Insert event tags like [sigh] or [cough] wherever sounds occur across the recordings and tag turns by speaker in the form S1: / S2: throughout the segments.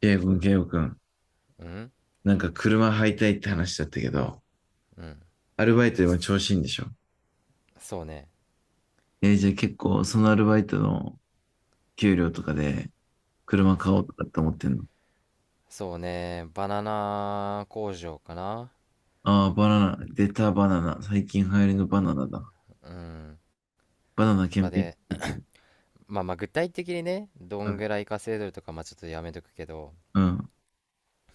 S1: ケイブ君、ケイゴくん、
S2: うん
S1: なんか車買いたいって話だったけど、
S2: うん、
S1: アルバイトでも調子いいんでしょ？
S2: そうね。
S1: じゃあ結構そのアルバイトの給料とかで車買
S2: そ
S1: お
S2: う
S1: うとかって思ってんの？
S2: そうね、バナナ工場かな。
S1: ああー、バナナ、出たバナナ。最近流行りのバナナだ。
S2: うん、
S1: バナナ
S2: と
S1: 検
S2: か
S1: 品施
S2: で、
S1: 設。
S2: まあまあ具体的にね、ど
S1: う
S2: ん
S1: ん、
S2: ぐらい稼いでるとか、まあちょっとやめとくけど。
S1: うん、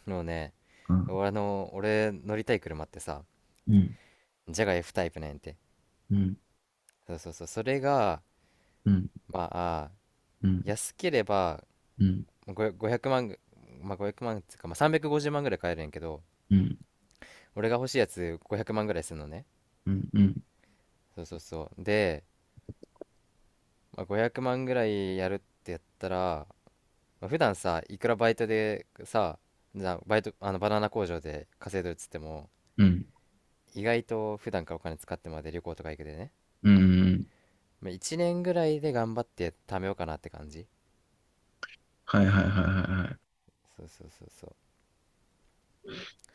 S2: もうね、
S1: うん、
S2: 俺乗りたい車ってさ、
S1: うん、
S2: ジャガ F タイプなんやて。
S1: うん、
S2: そうそうそう、それが
S1: うん、
S2: まあ、
S1: うん、
S2: 安ければ、
S1: うん、
S2: 500万まあ500万っつうか、まあ350万ぐらい買えるんやけど、
S1: うん、
S2: 俺が欲しいやつ500万ぐらいするのね。
S1: うん、うん、
S2: そうそうそう、で、まあ、500万ぐらいやるってやったら、まあ、普段さいくらバイトでさ、じゃあバイト、バナナ工場で稼いでるっつっても、
S1: うん、
S2: 意外と普段からお金使ってまで旅行とか行くでね、
S1: うん。
S2: まあ、1年ぐらいで頑張って貯めようかなって感じ。
S1: はいはいはいはいはい。
S2: そうそうそうそう。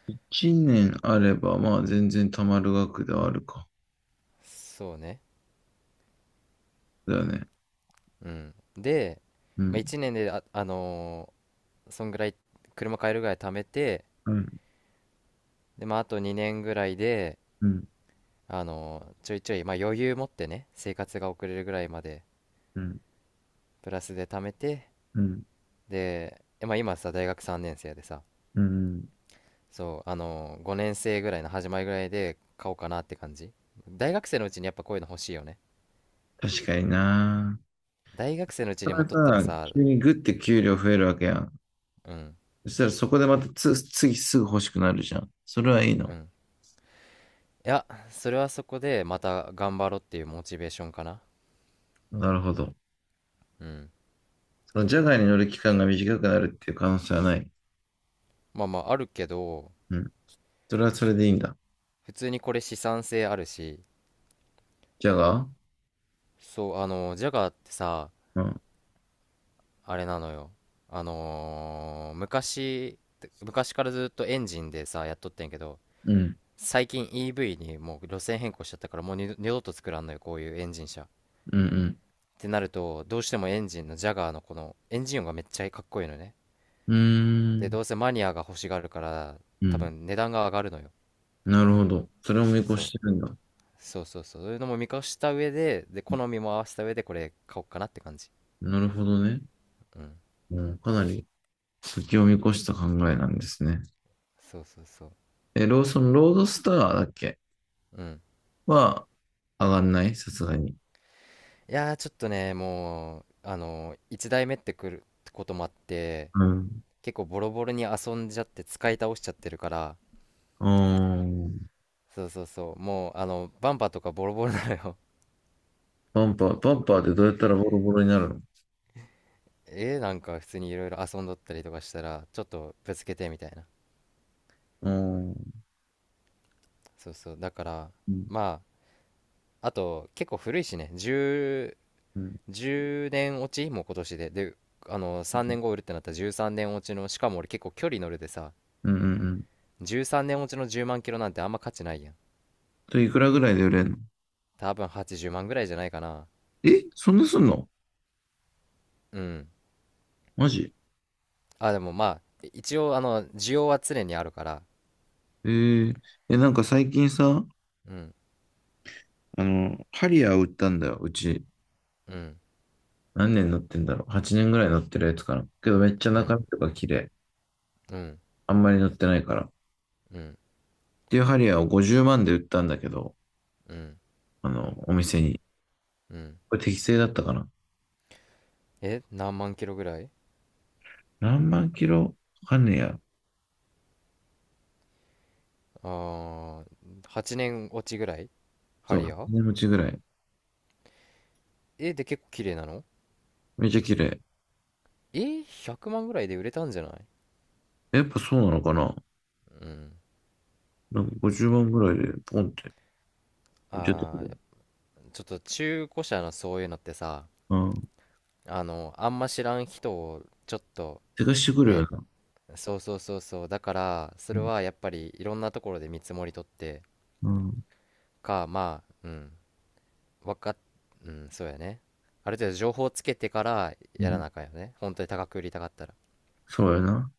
S1: 一年あれば、まあ全然貯まる額ではあるか。
S2: そうね。
S1: だよね。
S2: うん、で、
S1: う
S2: まあ、
S1: ん、
S2: 1年で、そんぐらい、車買えるぐらい貯めて、
S1: うん、
S2: で、まあ、あと2年ぐらいで、
S1: うん、
S2: ちょいちょい、まあ、余裕持ってね生活が送れるぐらいまで
S1: うん、
S2: プラスで貯めて、
S1: うん。
S2: で、まあ、今さ大学3年生でさ、
S1: うん。
S2: そう、5年生ぐらいの始まりぐらいで買おうかなって感じ。大学生のうちにやっぱこういうの欲しいよね。
S1: 確かにな。
S2: 大学生のうち
S1: た
S2: に
S1: だ
S2: 持っとったら
S1: さ、
S2: さ。
S1: 急にグッて給料増えるわけやん。
S2: うん
S1: そしたらそこでまた次すぐ欲しくなるじゃん。それはいい
S2: う
S1: の？
S2: ん。いや、それはそこでまた頑張ろうっていうモチベーションかな。
S1: なるほど。
S2: うん。
S1: そのジャガーに乗る期間が短くなるっていう可能性はない？
S2: まあまああるけど、
S1: うん。それはそれでいいんだ。
S2: 普通にこれ資産性あるし。
S1: ジャガー。
S2: そう、あのジャガーってさ、
S1: うん。
S2: あれなのよ。あのー昔昔からずっとエンジンでさやっとってんけど、
S1: うん。
S2: 最近 EV にもう路線変更しちゃったから、もう二度と作らんのよ、こういうエンジン車っ
S1: うん。
S2: て。なるとどうしてもエンジンのジャガーのこのエンジン音がめっちゃかっこいいのね。
S1: うん。うー
S2: で、
S1: ん。
S2: どうせマニアが欲しがるから、
S1: う
S2: 多
S1: ん。
S2: 分値段が上がるのよ。
S1: なるほど。それを見越
S2: そ
S1: し
S2: う
S1: てるんだ。
S2: そうそうそう、そういうのも見越した上で、好みも合わせた上でこれ買おうかなって感じ。
S1: なるほどね。
S2: うん、
S1: うん。かなり先を見越した考えなんですね。
S2: そうそうそう。
S1: え、ロードスターだっけ？
S2: うん、
S1: は上がんないさすがに。
S2: いやー、ちょっとね、もうあの1台目ってくるってこともあって、
S1: うん。
S2: 結構ボロボロに遊んじゃって使い倒しちゃってるから。
S1: うん。
S2: そうそうそう、もうあのバンパーとかボロボロなのよ。
S1: バンパー、バンパーでどうやったらボロボロになるの？
S2: [laughs] え、なんか普通にいろいろ遊んどったりとかしたら、ちょっとぶつけてみたいな。
S1: うん。
S2: そうそう、だから、
S1: うん。
S2: まああと結構古いしね、10
S1: うん。
S2: 年落ち、もう今年であの3年後売るってなったら13年落ちの、しかも俺結構距離乗るでさ、
S1: うん。うん。
S2: 13年落ちの10万キロなんてあんま価値ないやん。
S1: と、いくらぐらいで売れんの？
S2: 多分80万ぐらいじゃないかな。
S1: え、そんなすんの？
S2: うん、
S1: マジ？
S2: あでもまあ一応あの需要は常にあるから。
S1: えー、え、なんか最近さ、
S2: うん
S1: あの、ハリアー売ったんだよ、うち。
S2: うん
S1: 何年乗ってんだろう？ 8 年ぐらい乗ってるやつかな。けどめっちゃ
S2: う
S1: 中
S2: ん
S1: 身とか綺麗。
S2: うん
S1: あんまり乗ってないから。っ
S2: うん
S1: ていうハリアーを50万で売ったんだけど、
S2: うん。
S1: あの、お店に。
S2: うん。
S1: これ適正だったかな？
S2: え、何万キロぐらい。
S1: 何万キロ、わかんねえや。
S2: あー、8年落ちぐらい。ハ
S1: そう、
S2: リア
S1: 8
S2: ー。
S1: 年持ちぐらい。
S2: え、で結構綺麗なの。
S1: めっちゃ綺麗。
S2: え、100万ぐらいで売れたんじゃない。
S1: やっぱそうなのかな？
S2: うん。
S1: なんか50万ぐらいでポンって売ってたん
S2: あ
S1: だよ。
S2: ー、ちょっと中古車のそういうのってさ、
S1: うん。
S2: あの、あんま知らん人をちょっと
S1: 手貸してくるよ
S2: ね。
S1: な。
S2: そうそうそうそう。だから、そ
S1: う
S2: れ
S1: ん。
S2: はやっぱりいろんなところで見積もり取って
S1: うん。
S2: か、まあ、うん、わかっ、うん、そうやね。ある程度情報つけてから
S1: う
S2: やら
S1: ん。
S2: なあかんよね。本当に高く売りたかったら。
S1: そうよな。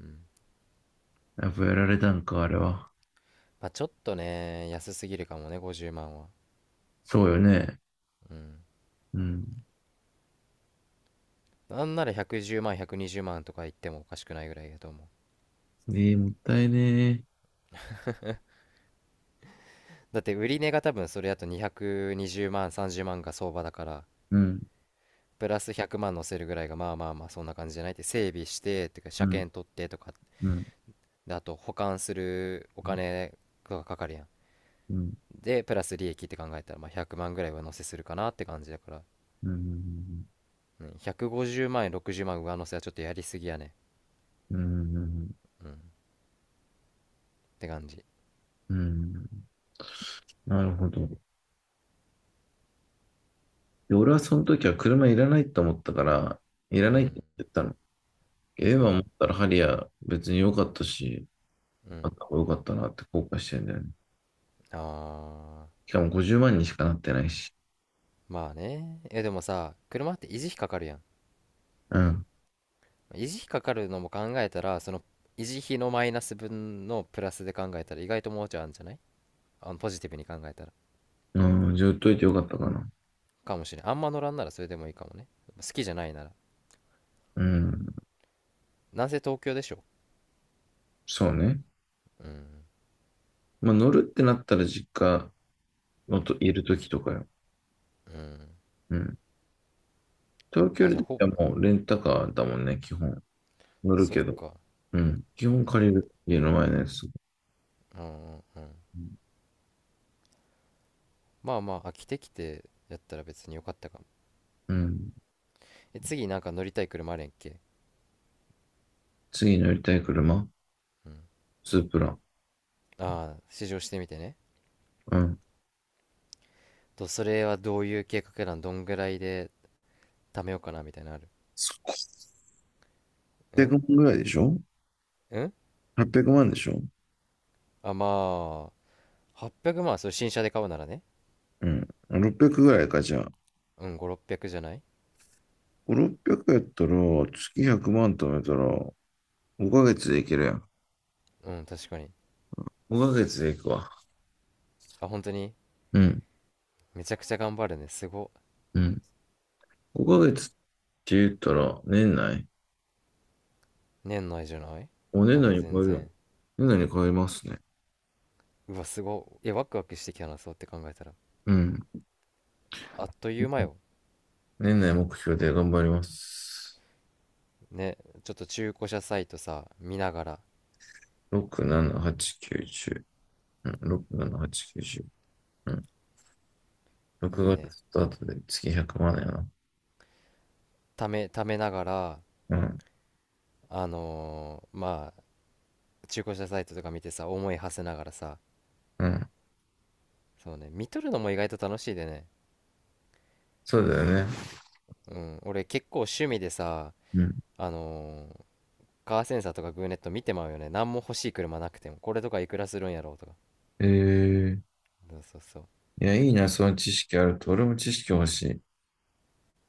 S2: うん。
S1: やっぱやられたんか、あれは。
S2: まあ、ちょっとね、安すぎるかもね、50万は。
S1: そうよね。
S2: うん。
S1: うん。
S2: なんなら110万、120万とか言ってもおかしくないぐらいだと思う。
S1: ええ、もったいねえ。
S2: だって売り値が多分それだと220万、30万が相場だから、
S1: うん。
S2: プラス100万乗せるぐらいがまあまあまあそんな感じじゃないって。整備して、とてか
S1: う
S2: 車
S1: ん。
S2: 検取ってとか、
S1: うん。
S2: で、あと保管するお
S1: うん。
S2: 金がかかるやん。
S1: うん。
S2: で、プラス利益って考えたら、まあ100万ぐらい上乗せするかなって感じだから、うん、150万円、60万上乗せはちょっとやりすぎやね。
S1: うん。
S2: うん。って感じ。
S1: うん。なるほど。で、俺はその時は車いらないと思ったから、いら
S2: う
S1: ないっ
S2: ん。
S1: て言ったの。ええ
S2: う
S1: わ、思
S2: ん。
S1: ったらハリアー別に良かったし、
S2: う
S1: あ
S2: ん。
S1: った方が良かったなって後悔してるんだよね。
S2: ああ、
S1: しかも50万にしかなってないし。
S2: まあね。え、でもさ、車って維持費かかるやん。
S1: うん。
S2: 維持費かかるのも考えたら、その維持費のマイナス分のプラスで考えたら意外ともうちょいあるんじゃない、あのポジティブに考えたら。
S1: うん、じゃあ売っといてよかったかな。
S2: かもしれん。あんま乗らんならそれでもいいかもね。好きじゃないなら。
S1: うん。
S2: なんせ東京でしょ。
S1: そうね。
S2: うん、
S1: まあ、乗るってなったら実家のといる時とかよ。
S2: うん。
S1: うん。東
S2: ま
S1: 京
S2: あじゃあ、
S1: ではもうレンタカーだもんね、基本。乗る
S2: そっ
S1: けど。
S2: か。
S1: うん。基本借りる。家の前のやつ。
S2: うんうんうん。まあまあ、飽きてきてやったら別によかったかも。
S1: うん。
S2: え、次なんか乗りたい車あるやんけ。
S1: 次乗りたい車、スープラ。
S2: ああ、試乗してみてね。
S1: うん。
S2: と、それはどういう計画なん、どんぐらいで貯めようかなみたいなのある。うん
S1: 800万ぐらいでしょ？
S2: うん。
S1: 800 万でしょ？
S2: あ、まあ800万、それ新車で買うならね。
S1: うん。600ぐらいか、じゃあ。
S2: うん、500〜600じゃない。
S1: 5、600やったら、月100万貯めたら、5ヶ月でいけるやん。
S2: うん、確かに。
S1: 5ヶ月で行くわ。
S2: あ、本当に。
S1: うん。
S2: めちゃくちゃ頑張るね、すご。
S1: うん。5ヶ月って言ったら、
S2: 年内じゃない。
S1: 年
S2: まだ
S1: 内に超
S2: 全
S1: えるやん。
S2: 然。
S1: 年内に超えますね。
S2: うわすごいワクワクしてきたな、そうって考えたら、
S1: うん。
S2: あっという間よ。
S1: 年内目標で頑張ります。
S2: ね、ちょっと中古車サイトさ見ながら、
S1: 6、7、8、9、10。うん、6、7、8、9、10。うん。6
S2: いい
S1: 月
S2: ね。
S1: スタートで月100万やな。
S2: ためながら、
S1: うん、
S2: まあ中古車サイトとか見てさ思い馳せながらさ、
S1: うん。
S2: そうね、見とるのも意外と楽しいでね。
S1: そうだよね。
S2: うん、俺結構趣味でさ、
S1: うん。
S2: あのーカーセンサーとかグーネット見てまうよね。何も欲しい車なくても。これとかいくらするんやろうとか。
S1: ええ、
S2: そうそうそ
S1: いや、いいな、その知識あると。俺も知識欲しい。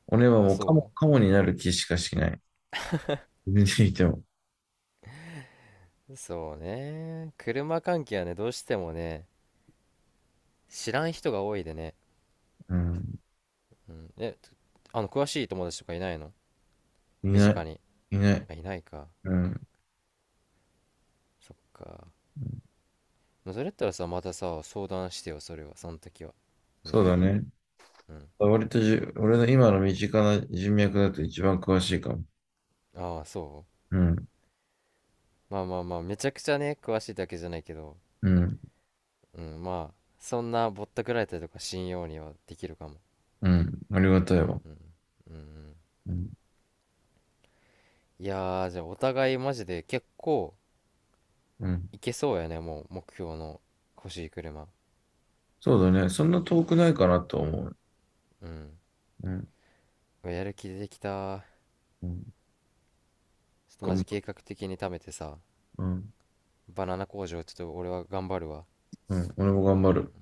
S1: 俺は
S2: う。
S1: もうカモ、
S2: そ
S1: カモになる気しかしない。[laughs] 見ていても。
S2: うそうね、車関係はね、どうしてもね、知らん人が多いでね。
S1: うん。
S2: うん。え、あの、詳しい友達とかいないの、
S1: い
S2: 身
S1: ない。
S2: 近に。
S1: いない。
S2: あ、いないか。
S1: うん。
S2: そっか。それやったらさ、またさ、相談してよ、それは。その時は。
S1: そう
S2: 全
S1: だ
S2: 然。
S1: ね。
S2: うん。
S1: 割と俺の今の身近な人脈だと一番詳しいかも。
S2: ああ、そ
S1: うん。
S2: う。まあまあまあ、めちゃくちゃね、詳しいだけじゃないけど、
S1: うん。
S2: うん、まあ、そんなぼったくられたりとか信用にはできるかも。
S1: うん。ありがた
S2: う
S1: い
S2: ん
S1: わ。
S2: うん。うんうん。
S1: うん。
S2: いやー、じゃあお互いマジで結構
S1: うん。
S2: いけそうやね、もう目標の欲しい車。
S1: そうだね。そんな遠くないかなと思う。
S2: うん。
S1: うん。
S2: うわやる気出てきた。
S1: うん。
S2: ちょっとマ
S1: 頑
S2: ジ
S1: 張、
S2: 計画的に貯めてさ、
S1: うん。
S2: バナナ工場ちょっと俺は頑張るわ。
S1: うん。俺も頑張る。